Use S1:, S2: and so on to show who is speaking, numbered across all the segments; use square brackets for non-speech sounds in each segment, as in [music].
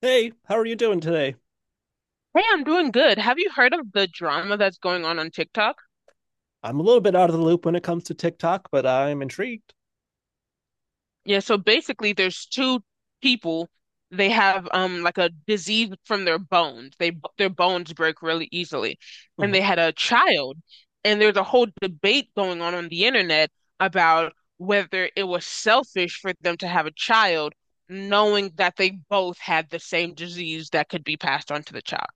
S1: Hey, how are you doing today?
S2: Hey, I'm doing good. Have you heard of the drama that's going on TikTok?
S1: I'm a little bit out of the loop when it comes to TikTok, but I'm intrigued.
S2: Yeah, so basically there's two people. They have like a disease from their bones. They Their bones break really easily. And
S1: Mhm.
S2: they had a child. And there's a whole debate going on the internet about whether it was selfish for them to have a child, knowing that they both had the same disease that could be passed on to the child.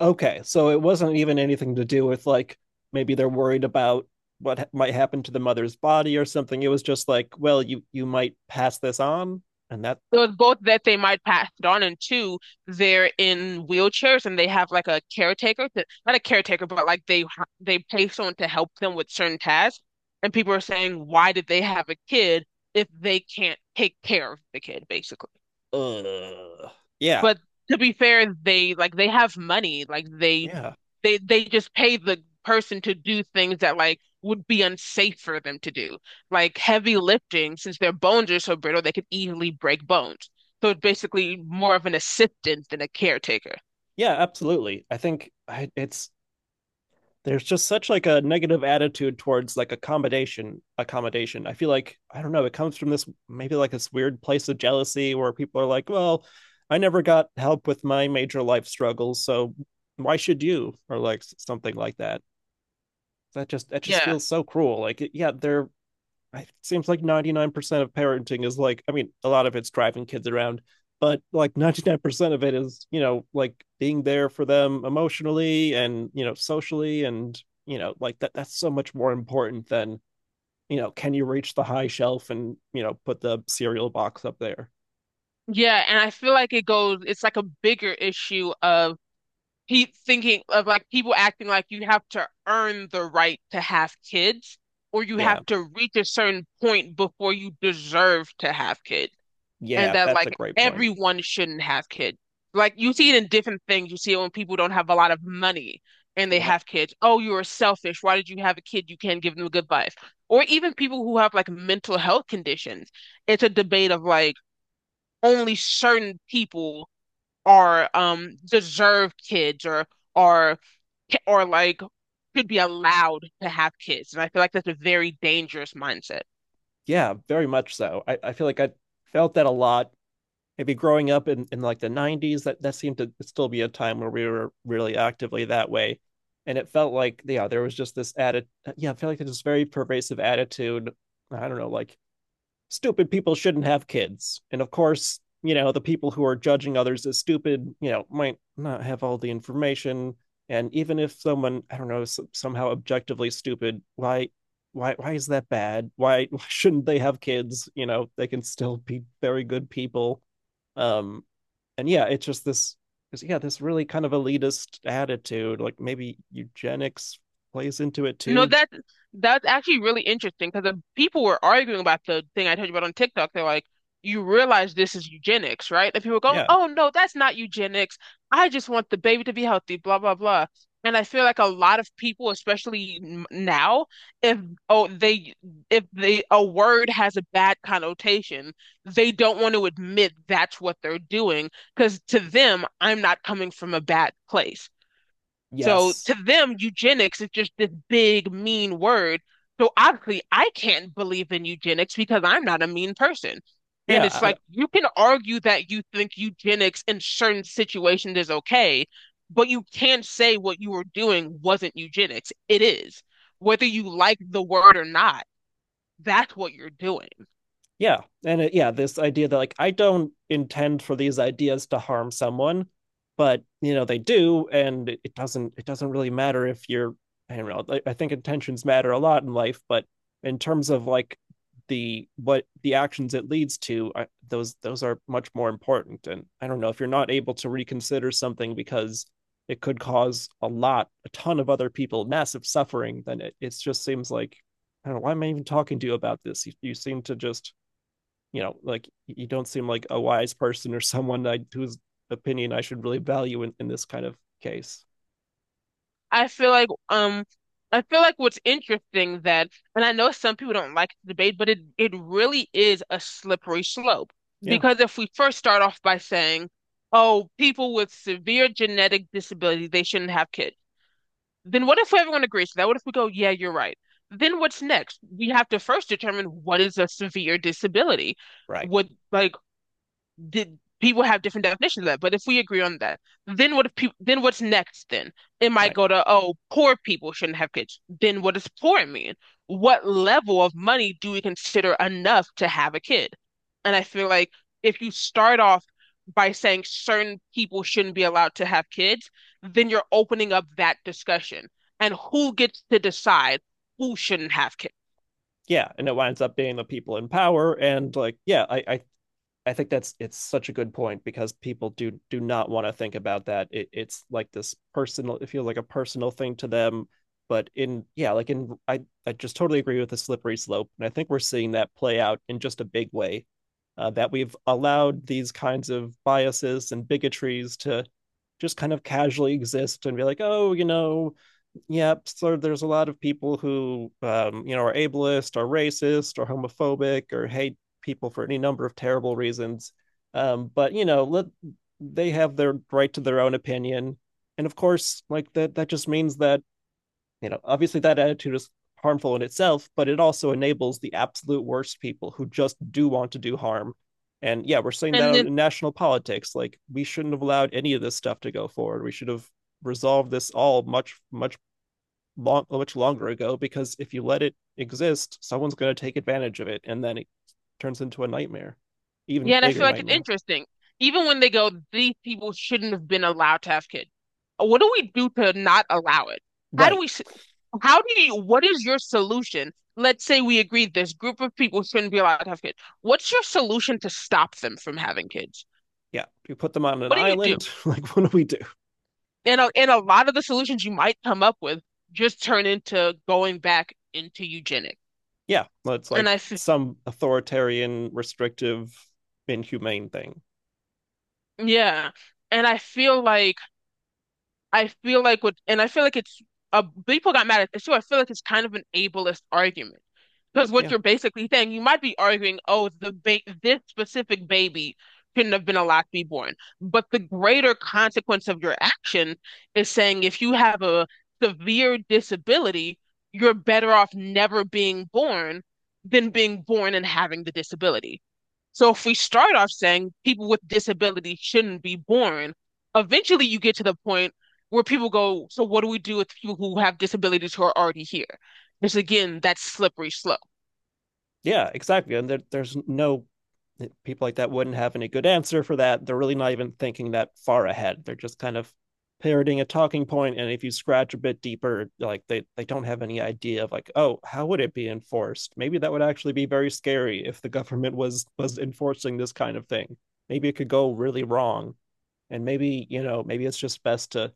S1: Okay, so it wasn't even anything to do with like maybe they're worried about what might happen to the mother's body or something. It was just like, well, you might pass this on, and that,
S2: So it's both that they might pass it on, and two, they're in wheelchairs and they have like a caretaker to, not a caretaker, but like they pay someone to help them with certain tasks. And people are saying, why did they have a kid if they can't take care of the kid, basically?
S1: uh, yeah,
S2: But to be fair, they have money. Like they
S1: yeah,
S2: they they just pay the person to do things that like would be unsafe for them to do. Like heavy lifting, since their bones are so brittle, they could easily break bones. So it's basically more of an assistant than a caretaker.
S1: yeah, absolutely. I think it's there's just such like a negative attitude towards like accommodation. I feel like, I don't know, it comes from this maybe like this weird place of jealousy where people are like, well, I never got help with my major life struggles, so why should you, or like something like that. That just
S2: Yeah.
S1: feels so cruel. Like, yeah, they're, it seems like 99% of parenting is like, I mean, a lot of it's driving kids around, but like [laughs] 99% of it is, like being there for them emotionally and, socially, and like that's so much more important than, can you reach the high shelf and, put the cereal box up there.
S2: Yeah, and I feel like it goes, it's like a bigger issue of pe thinking of like people acting like you have to earn the right to have kids, or you have
S1: Yeah.
S2: to reach a certain point before you deserve to have kids, and
S1: Yeah,
S2: that
S1: that's a
S2: like
S1: great point.
S2: everyone shouldn't have kids. Like you see it in different things. You see it when people don't have a lot of money and they
S1: Yeah,
S2: have kids. Oh, you are selfish. Why did you have a kid? You can't give them a good life. Or even people who have like mental health conditions. It's a debate of like only certain people are deserved kids, or are, or like should be allowed to have kids. And I feel like that's a very dangerous mindset.
S1: yeah, very much so. I feel like I felt that a lot, maybe growing up in like the 90s. That that seemed to still be a time where we were really actively that way, and it felt like, yeah, there was just this added, yeah, I feel like there's this very pervasive attitude, I don't know, like stupid people shouldn't have kids. And of course, the people who are judging others as stupid, might not have all the information. And even if someone, I don't know, somehow objectively stupid, why, why is that bad? Why, [laughs] why shouldn't they have kids? They can still be very good people. Um, and yeah, it's just this, yeah, this really kind of elitist attitude. Like maybe eugenics plays into it
S2: No,
S1: too.
S2: that's actually really interesting because the people were arguing about the thing I told you about on TikTok. They're like, you realize this is eugenics, right? And people were going,
S1: Yeah.
S2: oh no, that's not eugenics. I just want the baby to be healthy, blah blah blah. And I feel like a lot of people, especially now, if oh they if they a word has a bad connotation, they don't want to admit that's what they're doing because to them, I'm not coming from a bad place. So
S1: Yes.
S2: to them, eugenics is just this big, mean word. So obviously, I can't believe in eugenics because I'm not a mean person. And
S1: Yeah.
S2: it's
S1: I,
S2: like you can argue that you think eugenics in certain situations is okay, but you can't say what you were doing wasn't eugenics. It is. Whether you like the word or not, that's what you're doing.
S1: yeah, yeah, this idea that like I don't intend for these ideas to harm someone, but you know they do. And it doesn't really matter if you're, I don't know, I think intentions matter a lot in life, but in terms of like the what the actions it leads to, those are much more important. And I don't know, if you're not able to reconsider something because it could cause a ton of other people massive suffering, then it just seems like, I don't know, why am I even talking to you about this? You you, seem to just, like you don't seem like a wise person or someone whose opinion I should really value in this kind of case.
S2: I feel like um I feel like what's interesting that, and I know some people don't like the debate, but it really is a slippery slope.
S1: Yeah,
S2: Because if we first start off by saying, oh, people with severe genetic disabilities, they shouldn't have kids, then what if everyone agrees to that? What if we go, yeah, you're right? Then what's next? We have to first determine what is a severe disability.
S1: right,
S2: Would like Did people have different definitions of that? But if we agree on that, then what if people then what's next then? It might
S1: right.
S2: go to, oh, poor people shouldn't have kids. Then what does poor mean? What level of money do we consider enough to have a kid? And I feel like if you start off by saying certain people shouldn't be allowed to have kids, then you're opening up that discussion. And who gets to decide who shouldn't have kids?
S1: Yeah, and it winds up being the people in power, and like, yeah, I I think that's, it's such a good point because people do not want to think about that. It's like this personal, it feels like a personal thing to them. But in, yeah, like in, I just totally agree with the slippery slope, and I think we're seeing that play out in just a big way. That we've allowed these kinds of biases and bigotries to just kind of casually exist and be like, oh, you know. Yep. So there's a lot of people who, you know, are ableist, are racist, or homophobic, or hate people for any number of terrible reasons. But you know, let they have their right to their own opinion, and of course, like that just means that, you know, obviously, that attitude is harmful in itself, but it also enables the absolute worst people who just do want to do harm. And yeah, we're seeing that
S2: And
S1: out
S2: then
S1: in national politics. Like, we shouldn't have allowed any of this stuff to go forward. We should have resolved this all much, much longer ago, because if you let it exist, someone's going to take advantage of it, and then it turns into a nightmare, even
S2: Yeah, and I
S1: bigger
S2: feel like it's
S1: nightmare.
S2: interesting. Even when they go, these people shouldn't have been allowed to have kids. What do we do to not allow it? How do
S1: Right?
S2: we, s- how do you, what is your solution? Let's say we agree this group of people shouldn't be allowed to have kids. What's your solution to stop them from having kids?
S1: Yeah. You put them on an
S2: What do you do?
S1: island. [laughs] Like, what do we do?
S2: And a lot of the solutions you might come up with just turn into going back into eugenics.
S1: Yeah, well, it's
S2: And
S1: like
S2: I, f-
S1: some authoritarian, restrictive, inhumane thing.
S2: yeah, and I feel like what, and I feel like it's people got mad at this too. I feel like it's kind of an ableist argument because what
S1: Yeah.
S2: you're basically saying, you might be arguing, oh, the ba this specific baby shouldn't have been allowed to be born, but the greater consequence of your action is saying if you have a severe disability, you're better off never being born than being born and having the disability. So if we start off saying people with disabilities shouldn't be born, eventually you get to the point where people go, so what do we do with people who have disabilities who are already here? It's again that slippery slope.
S1: Yeah, exactly. And there's no, people like that wouldn't have any good answer for that. They're really not even thinking that far ahead. They're just kind of parroting a talking point. And if you scratch a bit deeper, like they don't have any idea of like, oh, how would it be enforced? Maybe that would actually be very scary if the government was enforcing this kind of thing. Maybe it could go really wrong, and maybe, you know, maybe it's just best to,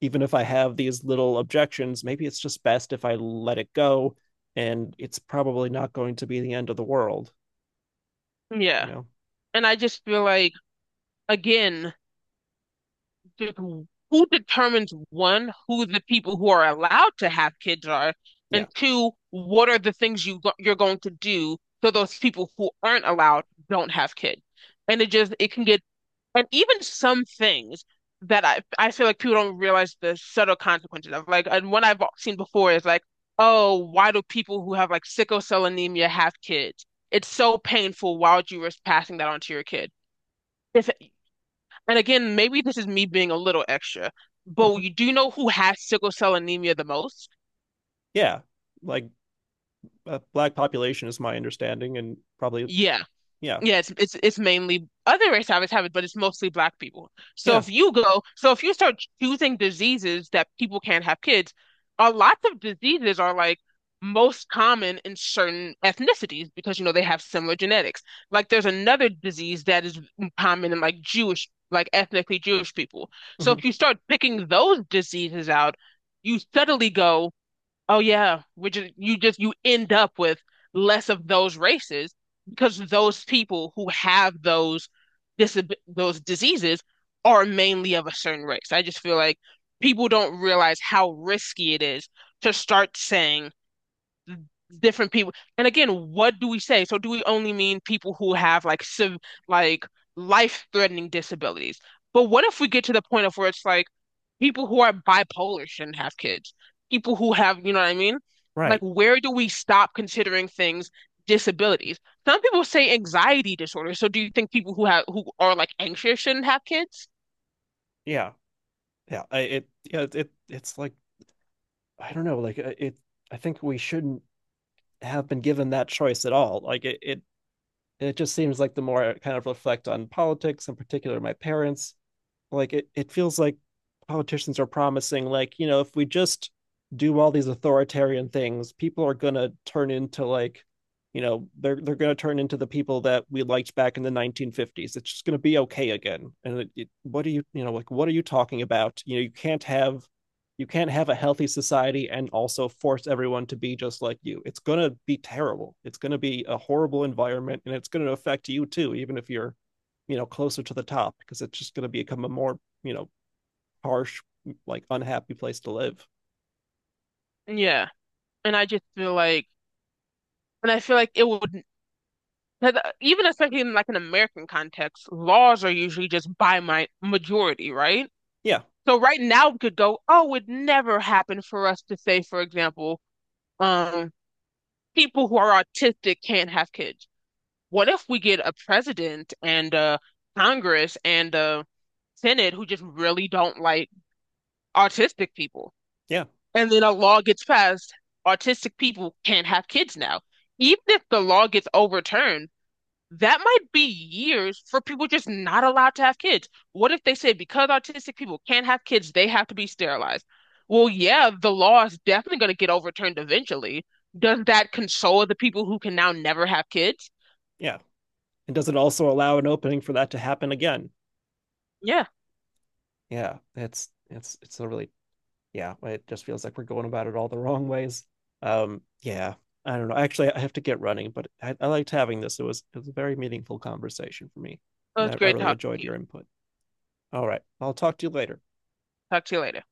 S1: even if I have these little objections, maybe it's just best if I let it go, and it's probably not going to be the end of the world, you
S2: Yeah.
S1: know.
S2: And I just feel like again, who determines one, who the people who are allowed to have kids are,
S1: Yeah.
S2: and two, what are the things you're going to do so those people who aren't allowed don't have kids. And it just it can get, and even some things that I feel like people don't realize the subtle consequences of. Like, and one I've seen before is like, oh, why do people who have like sickle cell anemia have kids? It's so painful. Why would you risk passing that on to your kid? If, And again, maybe this is me being a little extra, but
S1: Mm-hmm.
S2: you do know who has sickle cell anemia the most?
S1: Yeah, like, black population is my understanding, and probably,
S2: Yeah,
S1: yeah,
S2: Yeah, it's mainly other race habits have it, but it's mostly black people.
S1: yeah.
S2: So if you start choosing diseases that people can't have kids, a lot of diseases are like most common in certain ethnicities because you know they have similar genetics. Like there's another disease that is common in like Jewish, like ethnically Jewish people. So
S1: Hmm.
S2: if you start picking those diseases out, you suddenly go, oh yeah, which is you just you end up with less of those races because those people who have those disab those diseases are mainly of a certain race. I just feel like people don't realize how risky it is to start saying different people. And again, what do we say? So do we only mean people who have like sev like life-threatening disabilities? But what if we get to the point of where it's like people who are bipolar shouldn't have kids. People who have, you know what I mean? Like,
S1: Right.
S2: where do we stop considering things disabilities? Some people say anxiety disorder. So do you think people who have who are like anxious shouldn't have kids?
S1: Yeah, yeah, it, yeah, it it's like, I don't know, like, it, I think we shouldn't have been given that choice at all. Like it just seems like the more I kind of reflect on politics, in particular my parents, like it feels like politicians are promising like, you know, if we just do all these authoritarian things, people are going to turn into like, you know, they're going to turn into the people that we liked back in the 1950s. It's just going to be okay again. What are you, you know, like, what are you talking about? You know, you can't have, you can't have a healthy society and also force everyone to be just like you. It's going to be terrible, it's going to be a horrible environment, and it's going to affect you too, even if you're, you know, closer to the top, because it's just going to become a more, you know, harsh, like unhappy place to live.
S2: Yeah. And I just feel like, and I feel like it would, 'cause even especially in like an American context, laws are usually just by my majority, right?
S1: Yeah.
S2: So right now we could go, oh, it would never happened for us to say, for example, um, people who are autistic can't have kids. What if we get a president and Congress and Senate who just really don't like autistic people?
S1: Yeah.
S2: And then a law gets passed, autistic people can't have kids now. Even if the law gets overturned, that might be years for people just not allowed to have kids. What if they say because autistic people can't have kids, they have to be sterilized? Well, yeah, the law is definitely going to get overturned eventually. Does that console the people who can now never have kids?
S1: Yeah, and does it also allow an opening for that to happen again?
S2: Yeah,
S1: Yeah, it's it's a really, yeah, it just feels like we're going about it all the wrong ways. Yeah, I don't know, actually I have to get running, but I liked having this, it was a very meaningful conversation for me.
S2: it
S1: And
S2: was
S1: I
S2: great
S1: really
S2: talking to
S1: enjoyed
S2: you.
S1: your input. All right, I'll talk to you later.
S2: Talk to you later.